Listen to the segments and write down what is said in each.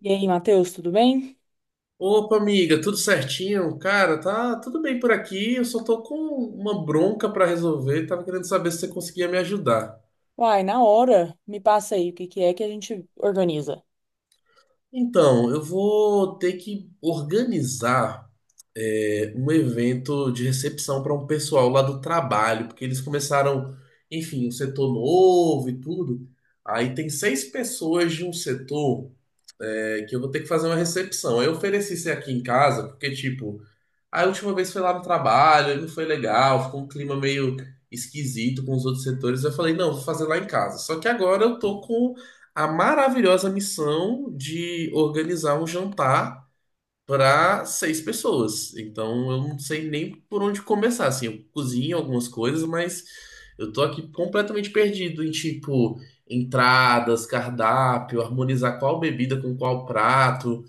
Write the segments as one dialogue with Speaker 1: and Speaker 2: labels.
Speaker 1: E aí, Matheus, tudo bem?
Speaker 2: Opa, amiga, tudo certinho? Cara, tá tudo bem por aqui. Eu só tô com uma bronca pra resolver. Tava querendo saber se você conseguia me ajudar.
Speaker 1: Uai, na hora, me passa aí o que que é que a gente organiza.
Speaker 2: Então, eu vou ter que organizar um evento de recepção para um pessoal lá do trabalho, porque eles começaram, enfim, um setor novo e tudo. Aí tem seis pessoas de um setor que eu vou ter que fazer uma recepção. Aí eu ofereci isso aqui em casa, porque, tipo. A última vez foi lá no trabalho, e não foi legal, ficou um clima meio esquisito com os outros setores. Eu falei, não, vou fazer lá em casa. Só que agora eu tô com a maravilhosa missão de organizar um jantar para seis pessoas. Então eu não sei nem por onde começar. Assim, eu cozinho algumas coisas, mas eu tô aqui completamente perdido em tipo entradas, cardápio, harmonizar qual bebida com qual prato.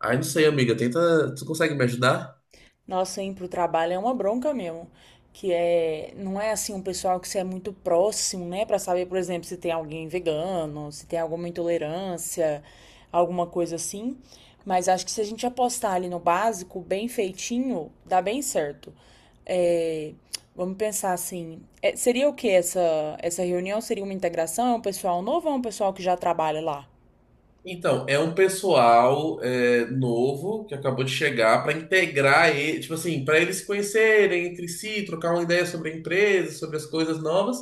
Speaker 2: Ai, não sei, amiga, tenta. Tu consegue me ajudar?
Speaker 1: Nossa, ir pro trabalho é uma bronca mesmo, que é, não é assim um pessoal que você é muito próximo, né, pra saber, por exemplo, se tem alguém vegano, se tem alguma intolerância, alguma coisa assim. Mas acho que se a gente apostar ali no básico, bem feitinho, dá bem certo. É, Vamos pensar assim, seria o que essa reunião? Seria uma integração? É um pessoal novo ou é um pessoal que já trabalha lá?
Speaker 2: Então, é um pessoal novo que acabou de chegar para integrar ele, tipo assim, para eles se conhecerem entre si, trocar uma ideia sobre a empresa, sobre as coisas novas.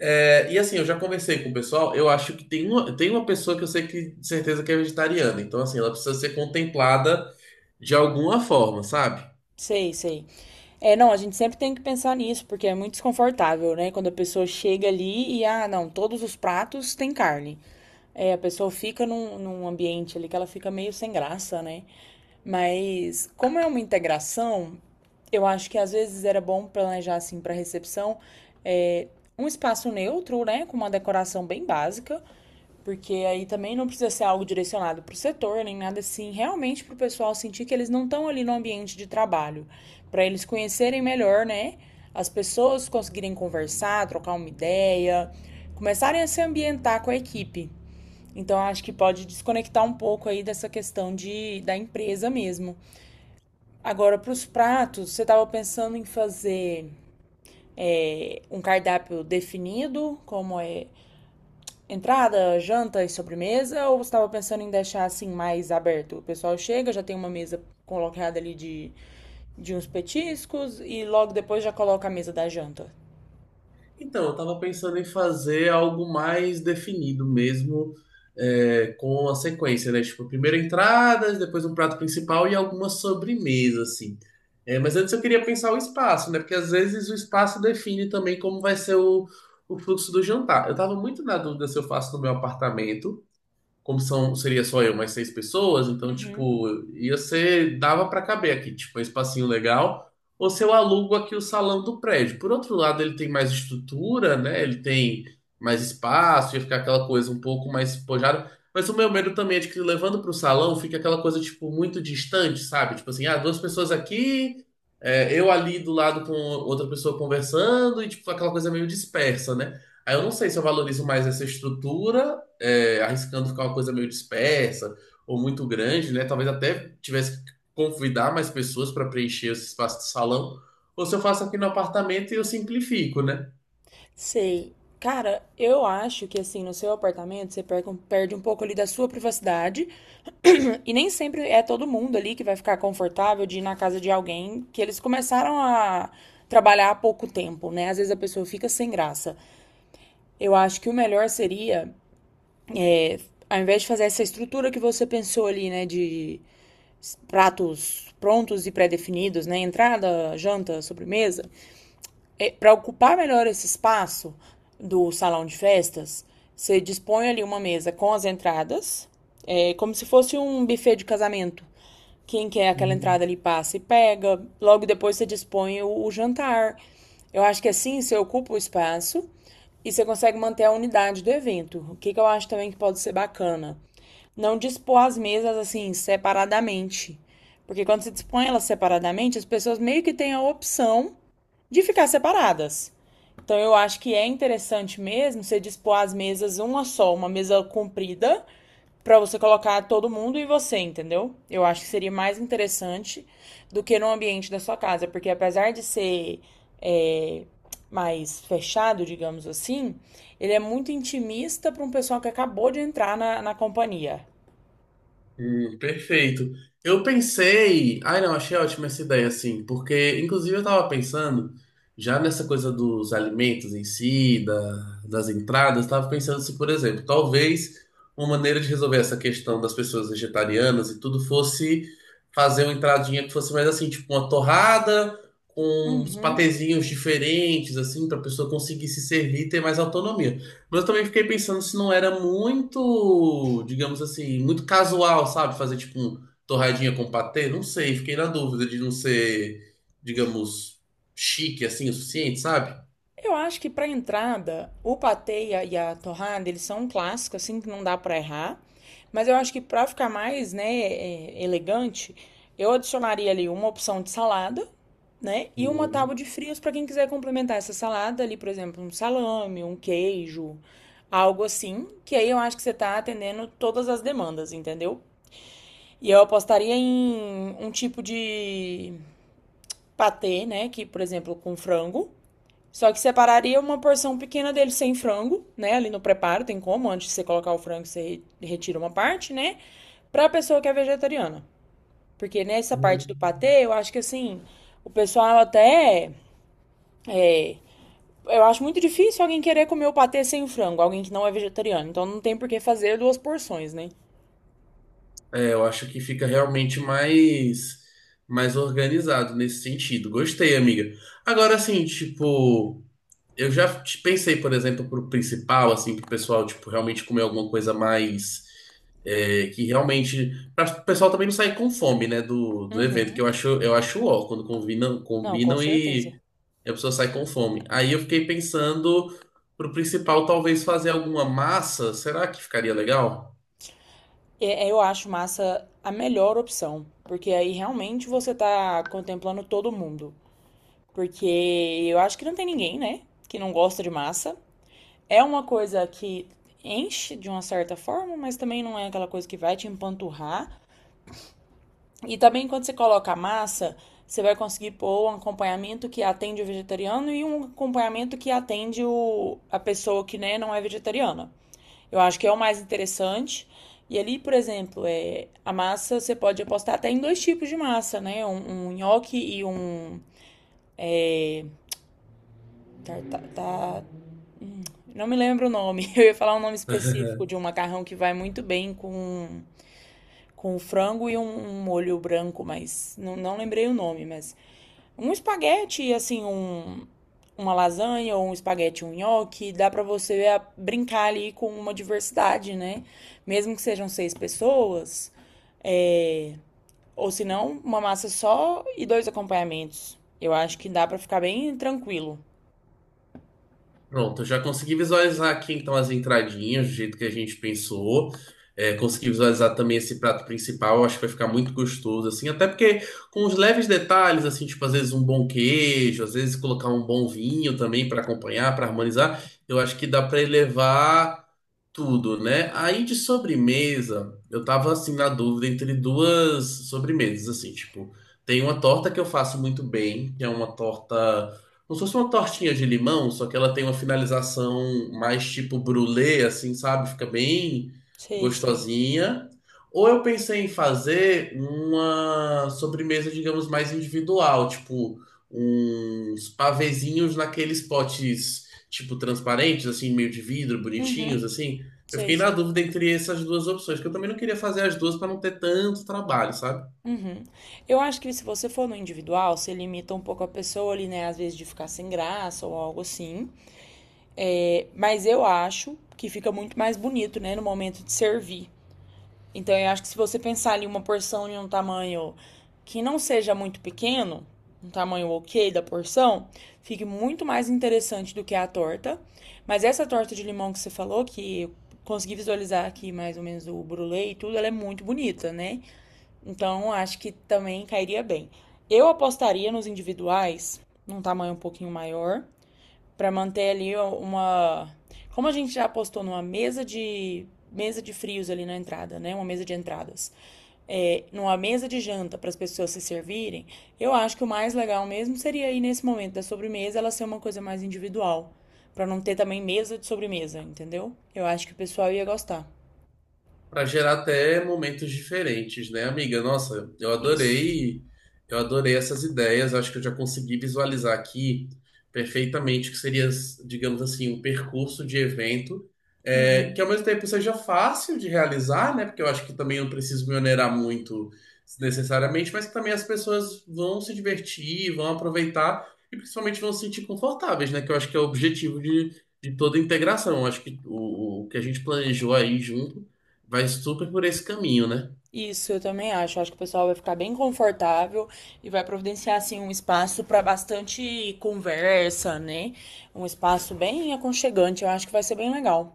Speaker 2: É, e assim, eu já conversei com o pessoal, eu acho que tem uma pessoa que eu sei que de certeza que é vegetariana, então assim, ela precisa ser contemplada de alguma forma, sabe?
Speaker 1: Sei, sei. É, não, a gente sempre tem que pensar nisso, porque é muito desconfortável, né? Quando a pessoa chega ali e, ah, não, todos os pratos têm carne. É, a pessoa fica num ambiente ali que ela fica meio sem graça, né? Mas, como é uma integração, eu acho que às vezes era bom planejar, assim, para recepção, é, um espaço neutro, né? Com uma decoração bem básica, porque aí também não precisa ser algo direcionado para o setor, nem nada assim, realmente para o pessoal sentir que eles não estão ali no ambiente de trabalho, para eles conhecerem melhor, né? As pessoas conseguirem conversar, trocar uma ideia, começarem a se ambientar com a equipe. Então acho que pode desconectar um pouco aí dessa questão da empresa mesmo. Agora, para os pratos, você estava pensando em fazer um cardápio definido, como é entrada, janta e sobremesa? Ou você estava pensando em deixar assim mais aberto? O pessoal chega, já tem uma mesa colocada ali de uns petiscos e logo depois já coloca a mesa da janta.
Speaker 2: Então, eu estava pensando em fazer algo mais definido mesmo, com a sequência, né? Tipo, primeiro entradas, depois um prato principal e alguma sobremesa, assim. É, mas antes eu queria pensar o espaço, né? Porque às vezes o espaço define também como vai ser o fluxo do jantar. Eu estava muito na dúvida se eu faço no meu apartamento como são, seria só eu, mais seis pessoas, então,
Speaker 1: Uhum.
Speaker 2: tipo, ia ser, dava pra caber aqui, tipo, um espacinho legal, ou se eu alugo aqui o salão do prédio. Por outro lado, ele tem mais estrutura, né? Ele tem mais espaço, ia ficar aquela coisa um pouco mais pojada. Mas o meu medo também é de que levando pro salão fica aquela coisa, tipo, muito distante, sabe? Tipo assim, ah, duas pessoas aqui, eu ali do lado com outra pessoa conversando, e, tipo, aquela coisa meio dispersa, né? Aí eu não sei se eu valorizo mais essa estrutura arriscando ficar uma coisa meio dispersa ou muito grande, né? Talvez até tivesse que convidar mais pessoas para preencher esse espaço de salão, ou se eu faço aqui no apartamento e eu simplifico, né?
Speaker 1: Sei. Cara, eu acho que assim, no seu apartamento você perde um pouco ali da sua privacidade. E nem sempre é todo mundo ali que vai ficar confortável de ir na casa de alguém que eles começaram a trabalhar há pouco tempo, né? Às vezes a pessoa fica sem graça. Eu acho que o melhor seria É, ao invés de fazer essa estrutura que você pensou ali, né, de pratos prontos e pré-definidos, né, entrada, janta, sobremesa, para ocupar melhor esse espaço do salão de festas, você dispõe ali uma mesa com as entradas, como se fosse um buffet de casamento, quem quer aquela entrada ali passa e pega. Logo depois você dispõe o jantar. Eu acho que assim você ocupa o espaço e você consegue manter a unidade do evento. O que, que eu acho também que pode ser bacana? Não dispor as mesas assim separadamente. Porque quando você dispõe elas separadamente, as pessoas meio que têm a opção de ficar separadas. Então eu acho que é interessante mesmo você dispor as mesas uma só, uma mesa comprida, para você colocar todo mundo e você, entendeu? Eu acho que seria mais interessante do que no ambiente da sua casa, porque apesar de ser é, mais fechado, digamos assim, ele é muito intimista para um pessoal que acabou de entrar na companhia.
Speaker 2: Perfeito. Eu pensei. Ai, não, achei ótima essa ideia, assim, porque, inclusive, eu tava pensando já nessa coisa dos alimentos em si, das entradas, tava pensando se, por exemplo, talvez uma maneira de resolver essa questão das pessoas vegetarianas e tudo fosse fazer uma entradinha que fosse mais assim, tipo uma torrada com uns
Speaker 1: Uhum.
Speaker 2: patezinhos diferentes, assim, pra pessoa conseguir se servir e ter mais autonomia. Mas eu também fiquei pensando se não era muito, digamos assim, muito casual, sabe? Fazer tipo um torradinha com patê, não sei, fiquei na dúvida de não ser, digamos, chique assim o suficiente, sabe?
Speaker 1: Eu acho que para entrada, o patê e e a torrada, eles são um clássico, assim, que não dá para errar. Mas eu acho que para ficar mais, né, elegante, eu adicionaria ali uma opção de salada, né, e uma
Speaker 2: Hum,
Speaker 1: tábua de frios para quem quiser complementar essa salada ali, por exemplo, um salame, um queijo, algo assim, que aí eu acho que você tá atendendo todas as demandas, entendeu? E eu apostaria em um tipo de patê, né, que, por exemplo, com frango, só que separaria uma porção pequena dele sem frango, né? Ali no preparo, tem como, antes de você colocar o frango, você retira uma parte, né? Pra pessoa que é vegetariana. Porque nessa parte do
Speaker 2: hum.
Speaker 1: patê, eu acho que assim, o pessoal até. é, eu acho muito difícil alguém querer comer o patê sem o frango, alguém que não é vegetariano. Então não tem por que fazer duas porções, né?
Speaker 2: É, eu acho que fica realmente mais organizado nesse sentido. Gostei, amiga. Agora assim, tipo, pensei, por exemplo, pro principal, assim, pro pessoal, tipo, realmente comer alguma coisa mais. Que realmente. Pra o pessoal também não sair com fome, né? Do evento, que
Speaker 1: Uhum.
Speaker 2: eu acho ó, quando combinam,
Speaker 1: Não, com
Speaker 2: combinam
Speaker 1: certeza.
Speaker 2: e a pessoa sai com fome. Aí eu fiquei pensando pro principal, talvez fazer alguma massa. Será que ficaria legal?
Speaker 1: Eu acho massa a melhor opção, porque aí realmente você tá contemplando todo mundo. Porque eu acho que não tem ninguém, né, que não gosta de massa. É uma coisa que enche de uma certa forma, mas também não é aquela coisa que vai te empanturrar. E também quando você coloca a massa, você vai conseguir pôr um acompanhamento que atende o vegetariano e um acompanhamento que atende a pessoa que né, não é vegetariana. Eu acho que é o mais interessante. E ali, por exemplo, a massa você pode apostar até em dois tipos de massa, né? Um nhoque e um tarta, não me lembro o nome. Eu ia falar um nome específico de um macarrão que vai muito bem com frango e um molho branco, mas não, não lembrei o nome, mas um espaguete, assim, um, uma lasanha ou um espaguete, um nhoque, dá pra você brincar ali com uma diversidade, né? Mesmo que sejam seis pessoas, é, ou se não, uma massa só e dois acompanhamentos. Eu acho que dá pra ficar bem tranquilo.
Speaker 2: Pronto, eu já consegui visualizar aqui então as entradinhas, do jeito que a gente pensou. É, consegui visualizar também esse prato principal, eu acho que vai ficar muito gostoso, assim, até porque com os leves detalhes, assim, tipo, às vezes um bom queijo, às vezes colocar um bom vinho também para acompanhar, para harmonizar, eu acho que dá para elevar tudo, né? Aí de sobremesa, eu tava assim na dúvida entre duas sobremesas, assim, tipo, tem uma torta que eu faço muito bem, que é uma torta, como se fosse uma tortinha de limão, só que ela tem uma finalização mais tipo brulê, assim, sabe? Fica bem
Speaker 1: Sei, sei.
Speaker 2: gostosinha. Ou eu pensei em fazer uma sobremesa, digamos, mais individual, tipo uns pavezinhos naqueles potes tipo transparentes, assim, meio de vidro, bonitinhos,
Speaker 1: Uhum,
Speaker 2: assim. Eu
Speaker 1: sei,
Speaker 2: fiquei na
Speaker 1: sei.
Speaker 2: dúvida entre essas duas opções, que eu também não queria fazer as duas para não ter tanto trabalho, sabe?
Speaker 1: Uhum. Eu acho que se você for no individual, você limita um pouco a pessoa ali, né? Às vezes de ficar sem graça ou algo assim. É, mas eu acho que fica muito mais bonito, né? No momento de servir. Então eu acho que se você pensar ali uma porção de um tamanho que não seja muito pequeno, um tamanho ok da porção, fique muito mais interessante do que a torta. Mas essa torta de limão que você falou, que eu consegui visualizar aqui mais ou menos o brulê e tudo, ela é muito bonita, né? Então, acho que também cairia bem. Eu apostaria nos individuais, num tamanho um pouquinho maior, para manter ali uma. Como a gente já apostou numa mesa de frios ali na entrada, né? Uma mesa de entradas. É, numa mesa de janta para as pessoas se servirem, eu acho que o mais legal mesmo seria aí nesse momento da sobremesa ela ser uma coisa mais individual, para não ter também mesa de sobremesa, entendeu? Eu acho que o pessoal ia gostar.
Speaker 2: Para gerar até momentos diferentes, né, amiga? Nossa,
Speaker 1: Isso.
Speaker 2: eu adorei essas ideias. Acho que eu já consegui visualizar aqui perfeitamente o que seria, digamos assim, um percurso de evento, que ao mesmo tempo seja fácil de realizar, né? Porque eu acho que também eu não preciso me onerar muito necessariamente, mas que também as pessoas vão se divertir, vão aproveitar e principalmente vão se sentir confortáveis, né? Que eu acho que é o objetivo de toda a integração. Eu acho que o que a gente planejou aí junto vai super por esse caminho, né?
Speaker 1: Isso, eu também acho. Acho que o pessoal vai ficar bem confortável e vai providenciar assim um espaço para bastante conversa, né? Um espaço bem aconchegante. Eu acho que vai ser bem legal.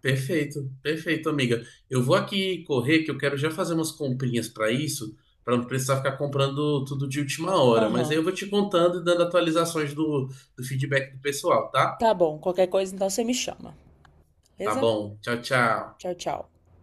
Speaker 2: Perfeito, perfeito, amiga. Eu vou aqui correr, que eu quero já fazer umas comprinhas para isso, para não precisar ficar comprando tudo de última hora. Mas aí eu
Speaker 1: Aham.
Speaker 2: vou te contando e dando atualizações do feedback do pessoal, tá?
Speaker 1: Tá bom. Qualquer coisa, então você me chama.
Speaker 2: Tá
Speaker 1: Beleza?
Speaker 2: bom. Tchau, tchau.
Speaker 1: Tchau, tchau.